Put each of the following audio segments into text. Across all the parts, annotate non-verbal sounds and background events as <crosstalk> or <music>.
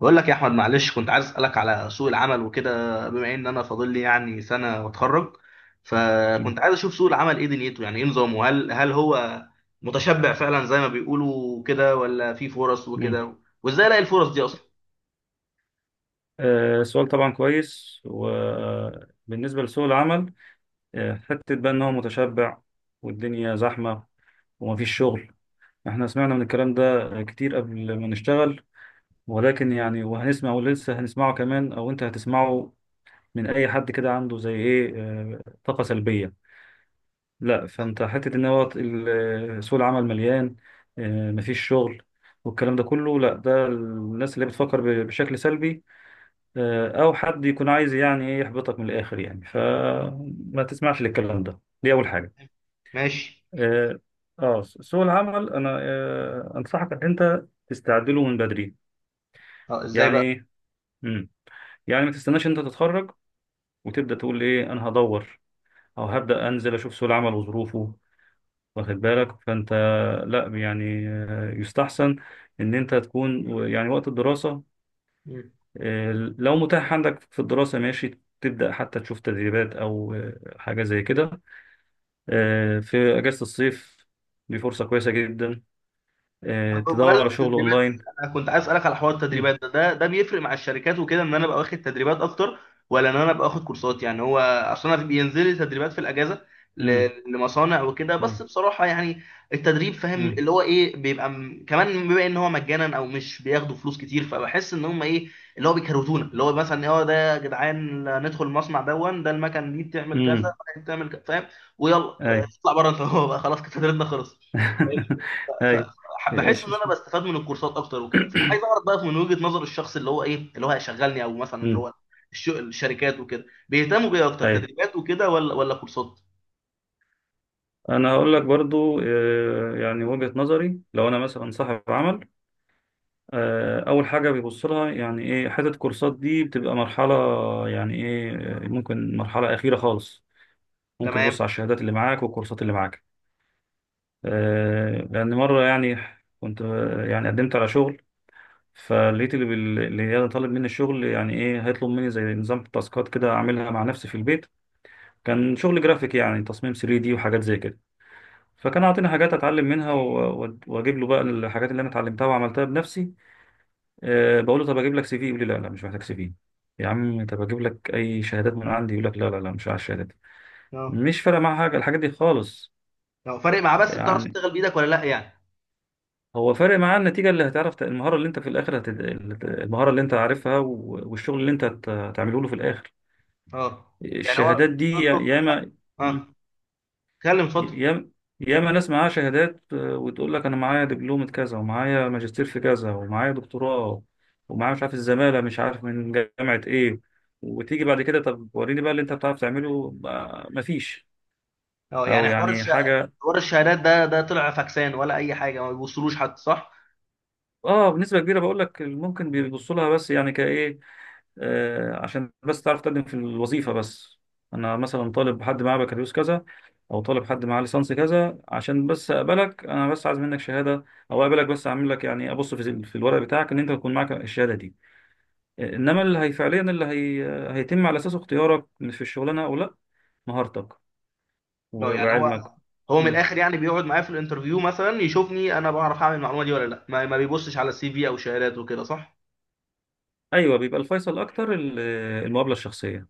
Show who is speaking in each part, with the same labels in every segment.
Speaker 1: بقول لك يا احمد، معلش كنت عايز اسالك على سوق العمل وكده. بما ان انا فاضل لي يعني سنه واتخرج،
Speaker 2: مم.
Speaker 1: فكنت عايز اشوف سوق العمل ايه دنيته، يعني ايه نظامه. هل هو متشبع فعلا زي ما بيقولوا كده، ولا في فرص
Speaker 2: مم.
Speaker 1: وكده؟ وازاي الاقي الفرص دي اصلا؟
Speaker 2: سؤال طبعا كويس، وبالنسبة لسوق العمل حتة بقى إن هو متشبع والدنيا زحمة ومفيش شغل، إحنا سمعنا من الكلام ده كتير قبل ما نشتغل، ولكن يعني وهنسمع ولسه هنسمعه كمان، أو أنت هتسمعه من أي حد كده عنده زي إيه طاقة سلبية. لا، فأنت حتة إن هو سوق العمل مليان، مفيش شغل، والكلام ده كله. لا، ده الناس اللي بتفكر بشكل سلبي، او حد يكون عايز يعني ايه يحبطك من الاخر يعني، فما تسمعش للكلام ده، دي اول حاجه.
Speaker 1: ماشي.
Speaker 2: اه. سوق العمل انا انصحك ان انت تستعد له من بدري.
Speaker 1: اه، ازاي
Speaker 2: يعني ايه؟ مم. يعني ما تستناش انت تتخرج وتبدا تقول ايه، انا هدور او هبدا انزل اشوف سوق العمل وظروفه، واخد بالك؟ فانت لا، يعني يستحسن ان انت تكون يعني وقت الدراسه،
Speaker 1: بقى؟
Speaker 2: لو متاح عندك في الدراسة ماشي، تبدأ حتى تشوف تدريبات أو حاجة زي كده. في أجازة الصيف دي فرصة كويسة جدا،
Speaker 1: طب
Speaker 2: تدور
Speaker 1: بمناسبة
Speaker 2: على شغل
Speaker 1: التدريبات دي،
Speaker 2: أونلاين.
Speaker 1: أنا كنت عايز أسألك على حوار
Speaker 2: مم.
Speaker 1: التدريبات ده. ده بيفرق مع الشركات وكده إن أنا أبقى واخد تدريبات أكتر، ولا إن أنا أبقى واخد كورسات؟ يعني هو أصل أنا بينزل لي تدريبات في الأجازة ل-
Speaker 2: مم.
Speaker 1: لمصانع وكده، بس
Speaker 2: مم.
Speaker 1: بصراحة يعني التدريب فاهم
Speaker 2: مم.
Speaker 1: اللي هو إيه، بيبقى كمان بما إن هو مجانا أو مش بياخدوا فلوس كتير، فبحس إن هم إيه، اللي هو بيكروتونا، اللي هو مثلا هو ده يا جدعان ندخل المصنع دون، ده المكن دي بتعمل كذا،
Speaker 2: مم.
Speaker 1: بتعمل كذا، فاهم؟ ويلا
Speaker 2: أي.
Speaker 1: اطلع بره أنت. <laughs> هو بقى خلاص كده تدريبنا خلص.
Speaker 2: <laughs>
Speaker 1: ف-
Speaker 2: أي.
Speaker 1: بحس ان
Speaker 2: إيش-
Speaker 1: انا بستفاد من الكورسات اكتر وكده، فعايز
Speaker 2: <clears throat>
Speaker 1: اعرف بقى من وجهة نظر الشخص اللي هو ايه اللي هو هيشغلني، او مثلا اللي
Speaker 2: مم.
Speaker 1: هو الشركات وكده بيهتموا بايه اكتر،
Speaker 2: أي.
Speaker 1: تدريبات وكده ولا كورسات؟
Speaker 2: أنا هقول لك برضو يعني وجهة نظري لو أنا مثلا صاحب عمل، اول حاجه بيبص لها يعني ايه، حته كورسات دي بتبقى مرحله، يعني ايه ممكن مرحله اخيره خالص، ممكن
Speaker 1: تمام.
Speaker 2: يبص على الشهادات اللي معاك والكورسات اللي معاك. لان مره يعني كنت يعني قدمت على شغل، فلقيت اللي اللي طالب مني الشغل يعني ايه هيطلب مني زي نظام تاسكات كده اعملها مع نفسي في البيت. كان شغل جرافيك، يعني تصميم 3 دي وحاجات زي كده، فكان عاطيني حاجات اتعلم منها واجيب له بقى الحاجات اللي انا اتعلمتها وعملتها بنفسي. أه، بقول له طب اجيب لك سي في، يقول لي لا لا، مش محتاج سي في. يا عم طب اجيب لك اي شهادات من عندي، يقول لك لا لا لا، مش عايز شهادات.
Speaker 1: اه.
Speaker 2: مش فارق معاه حاجه، الحاجات دي خالص.
Speaker 1: اه، فارق معاه، بس بتعرف
Speaker 2: يعني
Speaker 1: تشتغل بايدك ولا لا يعني؟
Speaker 2: هو فارق معاه النتيجه، اللي هتعرف المهاره اللي انت في الاخر المهاره اللي انت عارفها والشغل اللي انت هتعمله له في الاخر.
Speaker 1: اه، يعني هو
Speaker 2: الشهادات دي
Speaker 1: بيطلب منك.
Speaker 2: ياما،
Speaker 1: اه، اتكلم اتفضل.
Speaker 2: ياما ياما ناس معاها شهادات، وتقول لك انا معايا دبلومة كذا، ومعايا ماجستير في كذا، ومعايا دكتوراه، ومعايا مش عارف الزمالة، مش عارف من جامعة ايه، وتيجي بعد كده طب وريني بقى اللي انت بتعرف تعمله. مفيش
Speaker 1: اه
Speaker 2: او
Speaker 1: يعني
Speaker 2: يعني حاجة.
Speaker 1: حوار الشهادات ده، ده طلع فاكسان ولا اي حاجه، ما بيوصلوش حتى صح؟
Speaker 2: اه، بنسبة كبيرة بقول لك ممكن بيبصوا لها، بس يعني كايه، عشان بس تعرف تقدم في الوظيفة بس. أنا مثلا طالب حد معاه بكالوريوس كذا، أو طالب حد معاه ليسانس كذا، عشان بس أقبلك، أنا بس عايز منك شهادة، أو أقبلك بس أعمل لك يعني أبص في الورق بتاعك إن أنت تكون معاك الشهادة دي، إنما اللي هي فعليا اللي هي آه، هيتم على أساسه اختيارك في الشغلانة أو لأ، مهارتك
Speaker 1: لا يعني هو،
Speaker 2: وعلمك.
Speaker 1: هو من
Speaker 2: مم.
Speaker 1: الاخر يعني بيقعد معايا في الانترفيو مثلا يشوفني انا بعرف اعمل المعلومه دي ولا لا، ما بيبصش على السي في او شهادات وكده، صح؟
Speaker 2: أيوه، بيبقى الفيصل أكتر المقابلة الشخصية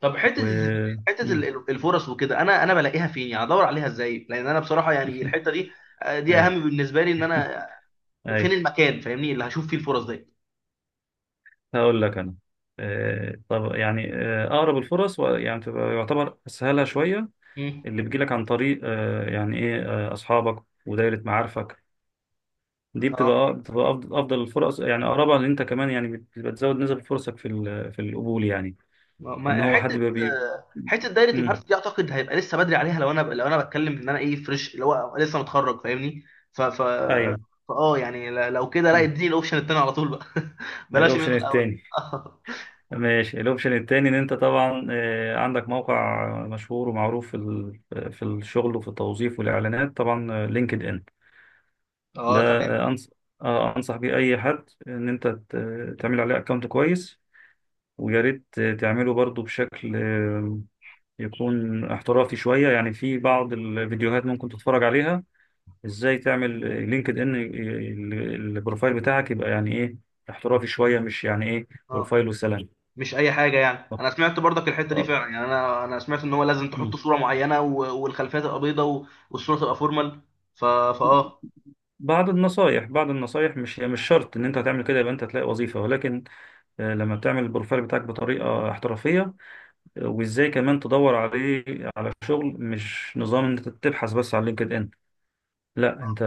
Speaker 1: طب
Speaker 2: و...
Speaker 1: حته
Speaker 2: مم.
Speaker 1: الفرص وكده انا انا بلاقيها فين يعني؟ ادور عليها ازاي؟ لان انا بصراحه يعني
Speaker 2: <laughs>
Speaker 1: الحته دي دي
Speaker 2: أيوه،
Speaker 1: اهم بالنسبه لي، ان انا
Speaker 2: أيوه،
Speaker 1: فين المكان فاهمني اللي هشوف فيه الفرص دي.
Speaker 2: هقول لك انا طب يعني اقرب الفرص يعني تبقى يعتبر اسهلها شويه،
Speaker 1: مم.
Speaker 2: اللي بيجيلك عن طريق يعني ايه اصحابك ودايره معارفك، دي
Speaker 1: اه،
Speaker 2: بتبقى افضل الفرص، يعني اقربها، ان انت كمان يعني بتبقى تزود نسب فرصك في في القبول يعني، ان هو حد
Speaker 1: حته
Speaker 2: بيبقى
Speaker 1: حته دايره
Speaker 2: مم.
Speaker 1: المعارف دي اعتقد هيبقى لسه بدري عليها، لو انا، لو انا بتكلم ان انا ايه، فريش، اللي هو لسه متخرج فاهمني. ف ف
Speaker 2: ايوه.
Speaker 1: اه يعني لو كده لا
Speaker 2: مم.
Speaker 1: اديني الاوبشن التاني على طول بقى. <laughs> بلاش
Speaker 2: الاوبشن
Speaker 1: منه الاول.
Speaker 2: التاني،
Speaker 1: <laughs>
Speaker 2: ماشي. الاوبشن التاني ان انت طبعا عندك موقع مشهور ومعروف في في الشغل وفي التوظيف والاعلانات، طبعا لينكد ان، ده
Speaker 1: اه، تمام.
Speaker 2: أنصح بيه أي حد إن أنت تعمل عليه أكونت كويس، ويا ريت تعمله برضو بشكل يكون احترافي شوية، يعني في بعض الفيديوهات ممكن تتفرج عليها إزاي تعمل لينكد إن البروفايل بتاعك يبقى يعني إيه احترافي شوية، مش يعني إيه
Speaker 1: اه،
Speaker 2: بروفايل وسلام.
Speaker 1: مش اي حاجه يعني.
Speaker 2: آه،
Speaker 1: انا سمعت برضك الحته دي
Speaker 2: آه.
Speaker 1: فعلا، يعني انا، انا سمعت ان هو لازم تحط
Speaker 2: مم.
Speaker 1: صوره معينه، والخلفيه تبقى بيضه، والصوره تبقى فورمال. ف فاه
Speaker 2: بعض النصايح، مش شرط إن أنت هتعمل كده يبقى أنت هتلاقي وظيفة، ولكن لما بتعمل البروفايل بتاعك بطريقة احترافية، وازاي كمان تدور عليه على شغل، مش نظام ان انت تبحث بس على لينكد ان، لا انت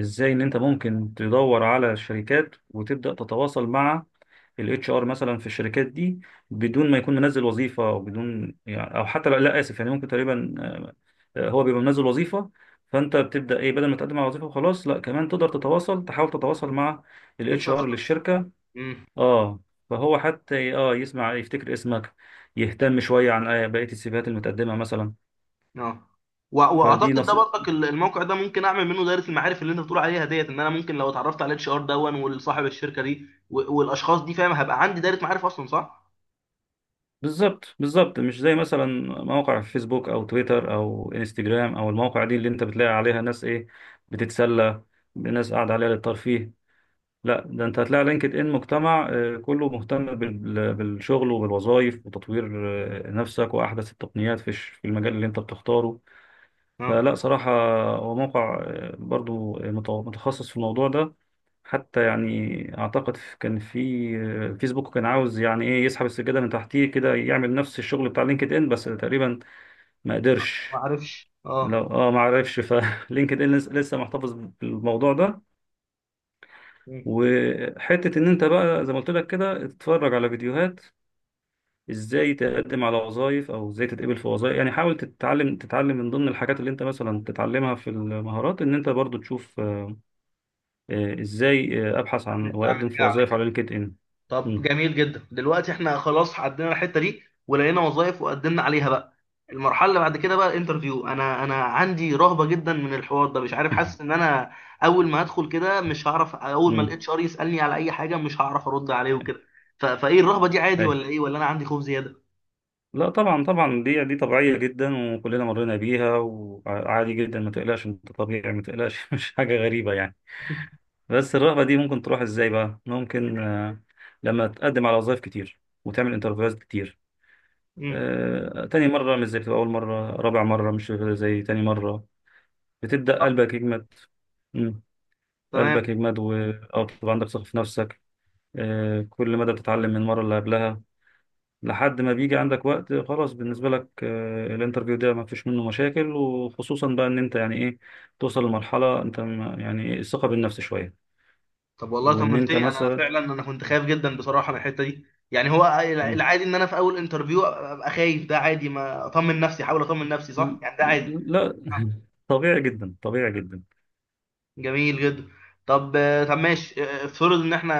Speaker 2: ازاي ان انت ممكن تدور على شركات وتبدا تتواصل مع الاتش ار مثلا في الشركات دي، بدون ما يكون منزل وظيفه، او بدون يعني، او حتى لا, لا اسف، يعني ممكن تقريبا هو بيبقى منزل وظيفه، فانت بتبدا ايه، بدل ما تقدم على وظيفه وخلاص، لا كمان تقدر تتواصل، تحاول تتواصل مع
Speaker 1: اتش
Speaker 2: الاتش
Speaker 1: ار.
Speaker 2: ار للشركه. اه، فهو حتى يسمع يفتكر اسمك، يهتم شوية عن بقية السيفيهات المتقدمة مثلا.
Speaker 1: اه،
Speaker 2: فدي
Speaker 1: واعتقد ده
Speaker 2: نص.
Speaker 1: برضك الموقع ده ممكن اعمل منه دايره المعارف اللي انت بتقول عليها ديت، ان انا ممكن لو اتعرفت على الاتش ار دون والصاحب الشركه دي، والاشخاص دي فاهم، هبقى عندي دايره معارف اصلا صح؟
Speaker 2: بالظبط بالظبط، مش زي مثلا موقع فيسبوك او تويتر او انستجرام او المواقع دي اللي انت بتلاقي عليها ناس ايه، بتتسلى، ناس قاعدة عليها للترفيه. لا، ده انت هتلاقي لينكد ان مجتمع كله مهتم بالشغل وبالوظائف وتطوير نفسك واحدث التقنيات في في المجال اللي انت بتختاره.
Speaker 1: اه،
Speaker 2: فلا صراحة هو موقع برضو متخصص في الموضوع ده. حتى يعني أعتقد كان في فيسبوك كان عاوز يعني إيه يسحب السجادة من تحتيه كده، يعمل نفس الشغل بتاع لينكد إن، بس تقريبا ما قدرش.
Speaker 1: ما اعرفش. اه.
Speaker 2: لو ما عرفش فلينكد <laughs> إن لسه محتفظ بالموضوع ده.
Speaker 1: مم.
Speaker 2: وحتة إن أنت بقى زي ما قلت لك كده تتفرج على فيديوهات ازاي تقدم على وظائف، او ازاي تتقبل في وظائف، يعني حاول تتعلم من ضمن الحاجات اللي انت مثلا تتعلمها في المهارات، ان انت برضو تشوف ازاي ابحث عن
Speaker 1: اعمل اعمل
Speaker 2: واقدم
Speaker 1: ايه
Speaker 2: في وظائف
Speaker 1: عليك.
Speaker 2: على لينكد ان.
Speaker 1: طب
Speaker 2: مم.
Speaker 1: جميل جدا، دلوقتي احنا خلاص عدينا الحته دي ولقينا وظائف وقدمنا عليها. بقى المرحله اللي بعد كده بقى الانترفيو، انا عندي رهبه جدا من الحوار ده، مش عارف. حاسس ان
Speaker 2: <laughs>
Speaker 1: انا اول ما هدخل كده مش هعرف، اول ما
Speaker 2: مم.
Speaker 1: الاتش ار يسالني على اي حاجه مش هعرف ارد عليه وكده. فايه الرهبه دي، عادي
Speaker 2: أي.
Speaker 1: ولا ايه؟ ولا انا عندي خوف زياده؟
Speaker 2: لا طبعا طبعا، دي طبيعيه جدا وكلنا مرينا بيها وعادي جدا، ما تقلقش انت طبيعي، ما تقلقش <laughs> مش حاجه غريبه يعني.
Speaker 1: <laughs>
Speaker 2: بس الرغبه دي ممكن تروح ازاي بقى؟ ممكن لما تقدم على وظائف كتير وتعمل انترفيوهات كتير،
Speaker 1: مم.
Speaker 2: تاني مره مش زي، بتبقى اول مره، رابع مره مش زي تاني مره، بتبدا
Speaker 1: صح.
Speaker 2: قلبك يجمد. مم.
Speaker 1: تمام.
Speaker 2: قلبك يجمد او تبقى عندك ثقه في نفسك، كل مدى بتتعلم من المرة اللي قبلها، لحد ما بيجي عندك وقت خلاص بالنسبة لك الانترفيو ده ما فيش منه مشاكل، وخصوصا بقى ان انت يعني ايه، توصل لمرحلة انت يعني إيه، الثقة بالنفس شوية،
Speaker 1: طب والله
Speaker 2: وان انت
Speaker 1: طمنتني، انا
Speaker 2: مثلا.
Speaker 1: فعلا انا كنت خايف جدا بصراحه من الحته دي. يعني هو
Speaker 2: مم.
Speaker 1: العادي ان انا في اول انترفيو ابقى خايف ده عادي؟ ما اطمن نفسي، احاول اطمن نفسي، صح؟
Speaker 2: ل-
Speaker 1: يعني ده عادي.
Speaker 2: لا <laughs> طبيعي جدا، طبيعي جدا.
Speaker 1: جميل جدا. طب، طب ماشي، افترض ان احنا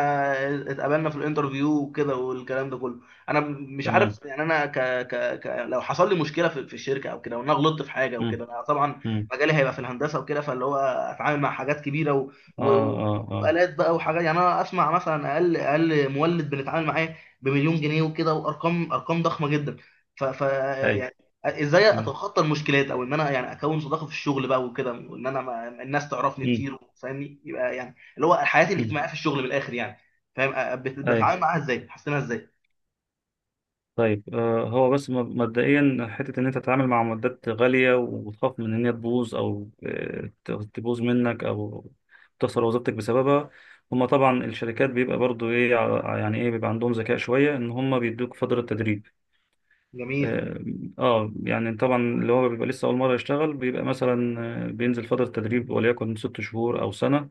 Speaker 1: اتقابلنا في الانترفيو وكده، والكلام ده كله. انا مش
Speaker 2: تمام.
Speaker 1: عارف يعني انا لو حصل لي مشكله في الشركه او كده، وان انا غلطت في حاجه
Speaker 2: مم.
Speaker 1: وكده، انا طبعا
Speaker 2: مم.
Speaker 1: مجالي هيبقى في الهندسه وكده، فاللي هو اتعامل مع حاجات كبيره
Speaker 2: اه،
Speaker 1: و...
Speaker 2: اه، اه،
Speaker 1: والات بقى وحاجات. يعني انا اسمع مثلا اقل، اقل مولد بنتعامل معاه بـ1000000 جنيه وكده، وارقام، ارقام ضخمه جدا. ف... ف...
Speaker 2: اي.
Speaker 1: ازاي
Speaker 2: مم.
Speaker 1: اتخطى المشكلات، او ان انا يعني اكون صداقه في الشغل بقى وكده، وان انا، ما الناس تعرفني
Speaker 2: مم.
Speaker 1: كتير فاهمني، يبقى يعني اللي هو حياتي
Speaker 2: مم.
Speaker 1: الاجتماعيه في الشغل من الاخر يعني، فاهم؟ بتعامل معاها ازاي، حسنها ازاي؟
Speaker 2: طيب هو بس مبدئيا حتة إن أنت تتعامل مع معدات غالية وتخاف من إن هي تبوظ أو تبوظ منك، أو تخسر وظيفتك بسببها، هما طبعا الشركات بيبقى برضو إيه، يعني إيه بيبقى عندهم ذكاء شوية إن هما بيدوك فترة تدريب.
Speaker 1: جميل.
Speaker 2: آه يعني طبعا اللي هو بيبقى لسه أول مرة يشتغل بيبقى مثلا بينزل فترة تدريب، وليكن 6 شهور أو سنة،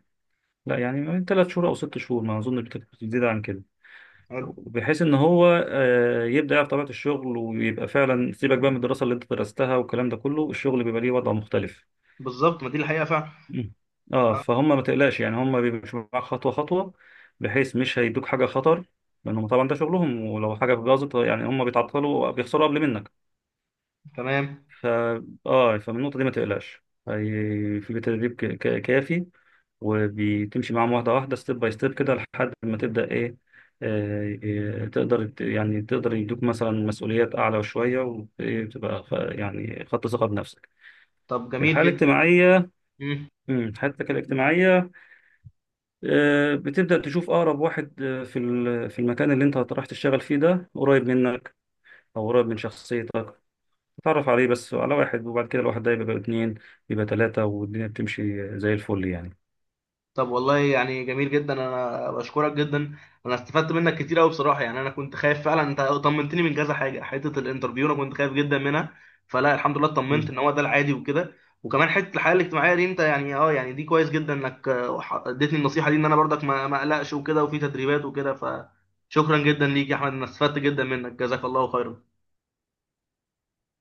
Speaker 2: لا يعني من 3 شهور أو 6 شهور، ما أظن بتزيد عن كده،
Speaker 1: حلو.
Speaker 2: بحيث ان هو يبدا يعرف طبيعه الشغل ويبقى فعلا. سيبك بقى من الدراسه اللي انت درستها والكلام ده كله، الشغل بيبقى ليه وضع مختلف.
Speaker 1: بالظبط، ما دي الحقيقه فعلا.
Speaker 2: مم. اه،
Speaker 1: آه.
Speaker 2: فهم ما تقلقش، يعني هم بيمشوا معاك خطوه خطوه، بحيث مش هيدوك حاجه خطر، لانهم طبعا ده شغلهم، ولو حاجه باظت يعني هم بيتعطلوا بيخسروا قبل منك.
Speaker 1: تمام.
Speaker 2: ف اه، فمن النقطة دي ما تقلقش. في تدريب كافي، وبتمشي معاهم واحدة واحدة، ستيب باي ستيب كده، لحد ما تبدأ إيه آه، تقدر يعني تقدر يدوك مثلا مسؤوليات أعلى شوية، وتبقى يعني خدت ثقة بنفسك.
Speaker 1: طب جميل
Speaker 2: الحالة
Speaker 1: جدا.
Speaker 2: الاجتماعية.
Speaker 1: مم.
Speaker 2: حالتك الاجتماعية بتبدأ تشوف أقرب واحد في في المكان اللي أنت رايح تشتغل فيه ده قريب منك، أو قريب من شخصيتك، اتعرف عليه بس، على واحد، وبعد كده الواحد ده يبقى اتنين، يبقى تلاتة، والدنيا بتمشي زي الفل يعني.
Speaker 1: طب والله يعني جميل جدا، انا بشكرك جدا. انا استفدت منك كتير قوي بصراحه. يعني انا كنت خايف فعلا، انت طمنتني من كذا حاجه. حته الانترفيو انا كنت خايف جدا منها، فلا الحمد لله اطمنت ان هو ده العادي وكده. وكمان حته الحياه الاجتماعيه دي انت يعني اه يعني دي كويس جدا انك اديتني النصيحه دي، ان انا برضك ما اقلقش وكده، وفي تدريبات وكده. فشكرا جدا ليك يا احمد، انا استفدت جدا منك، جزاك الله خيرا.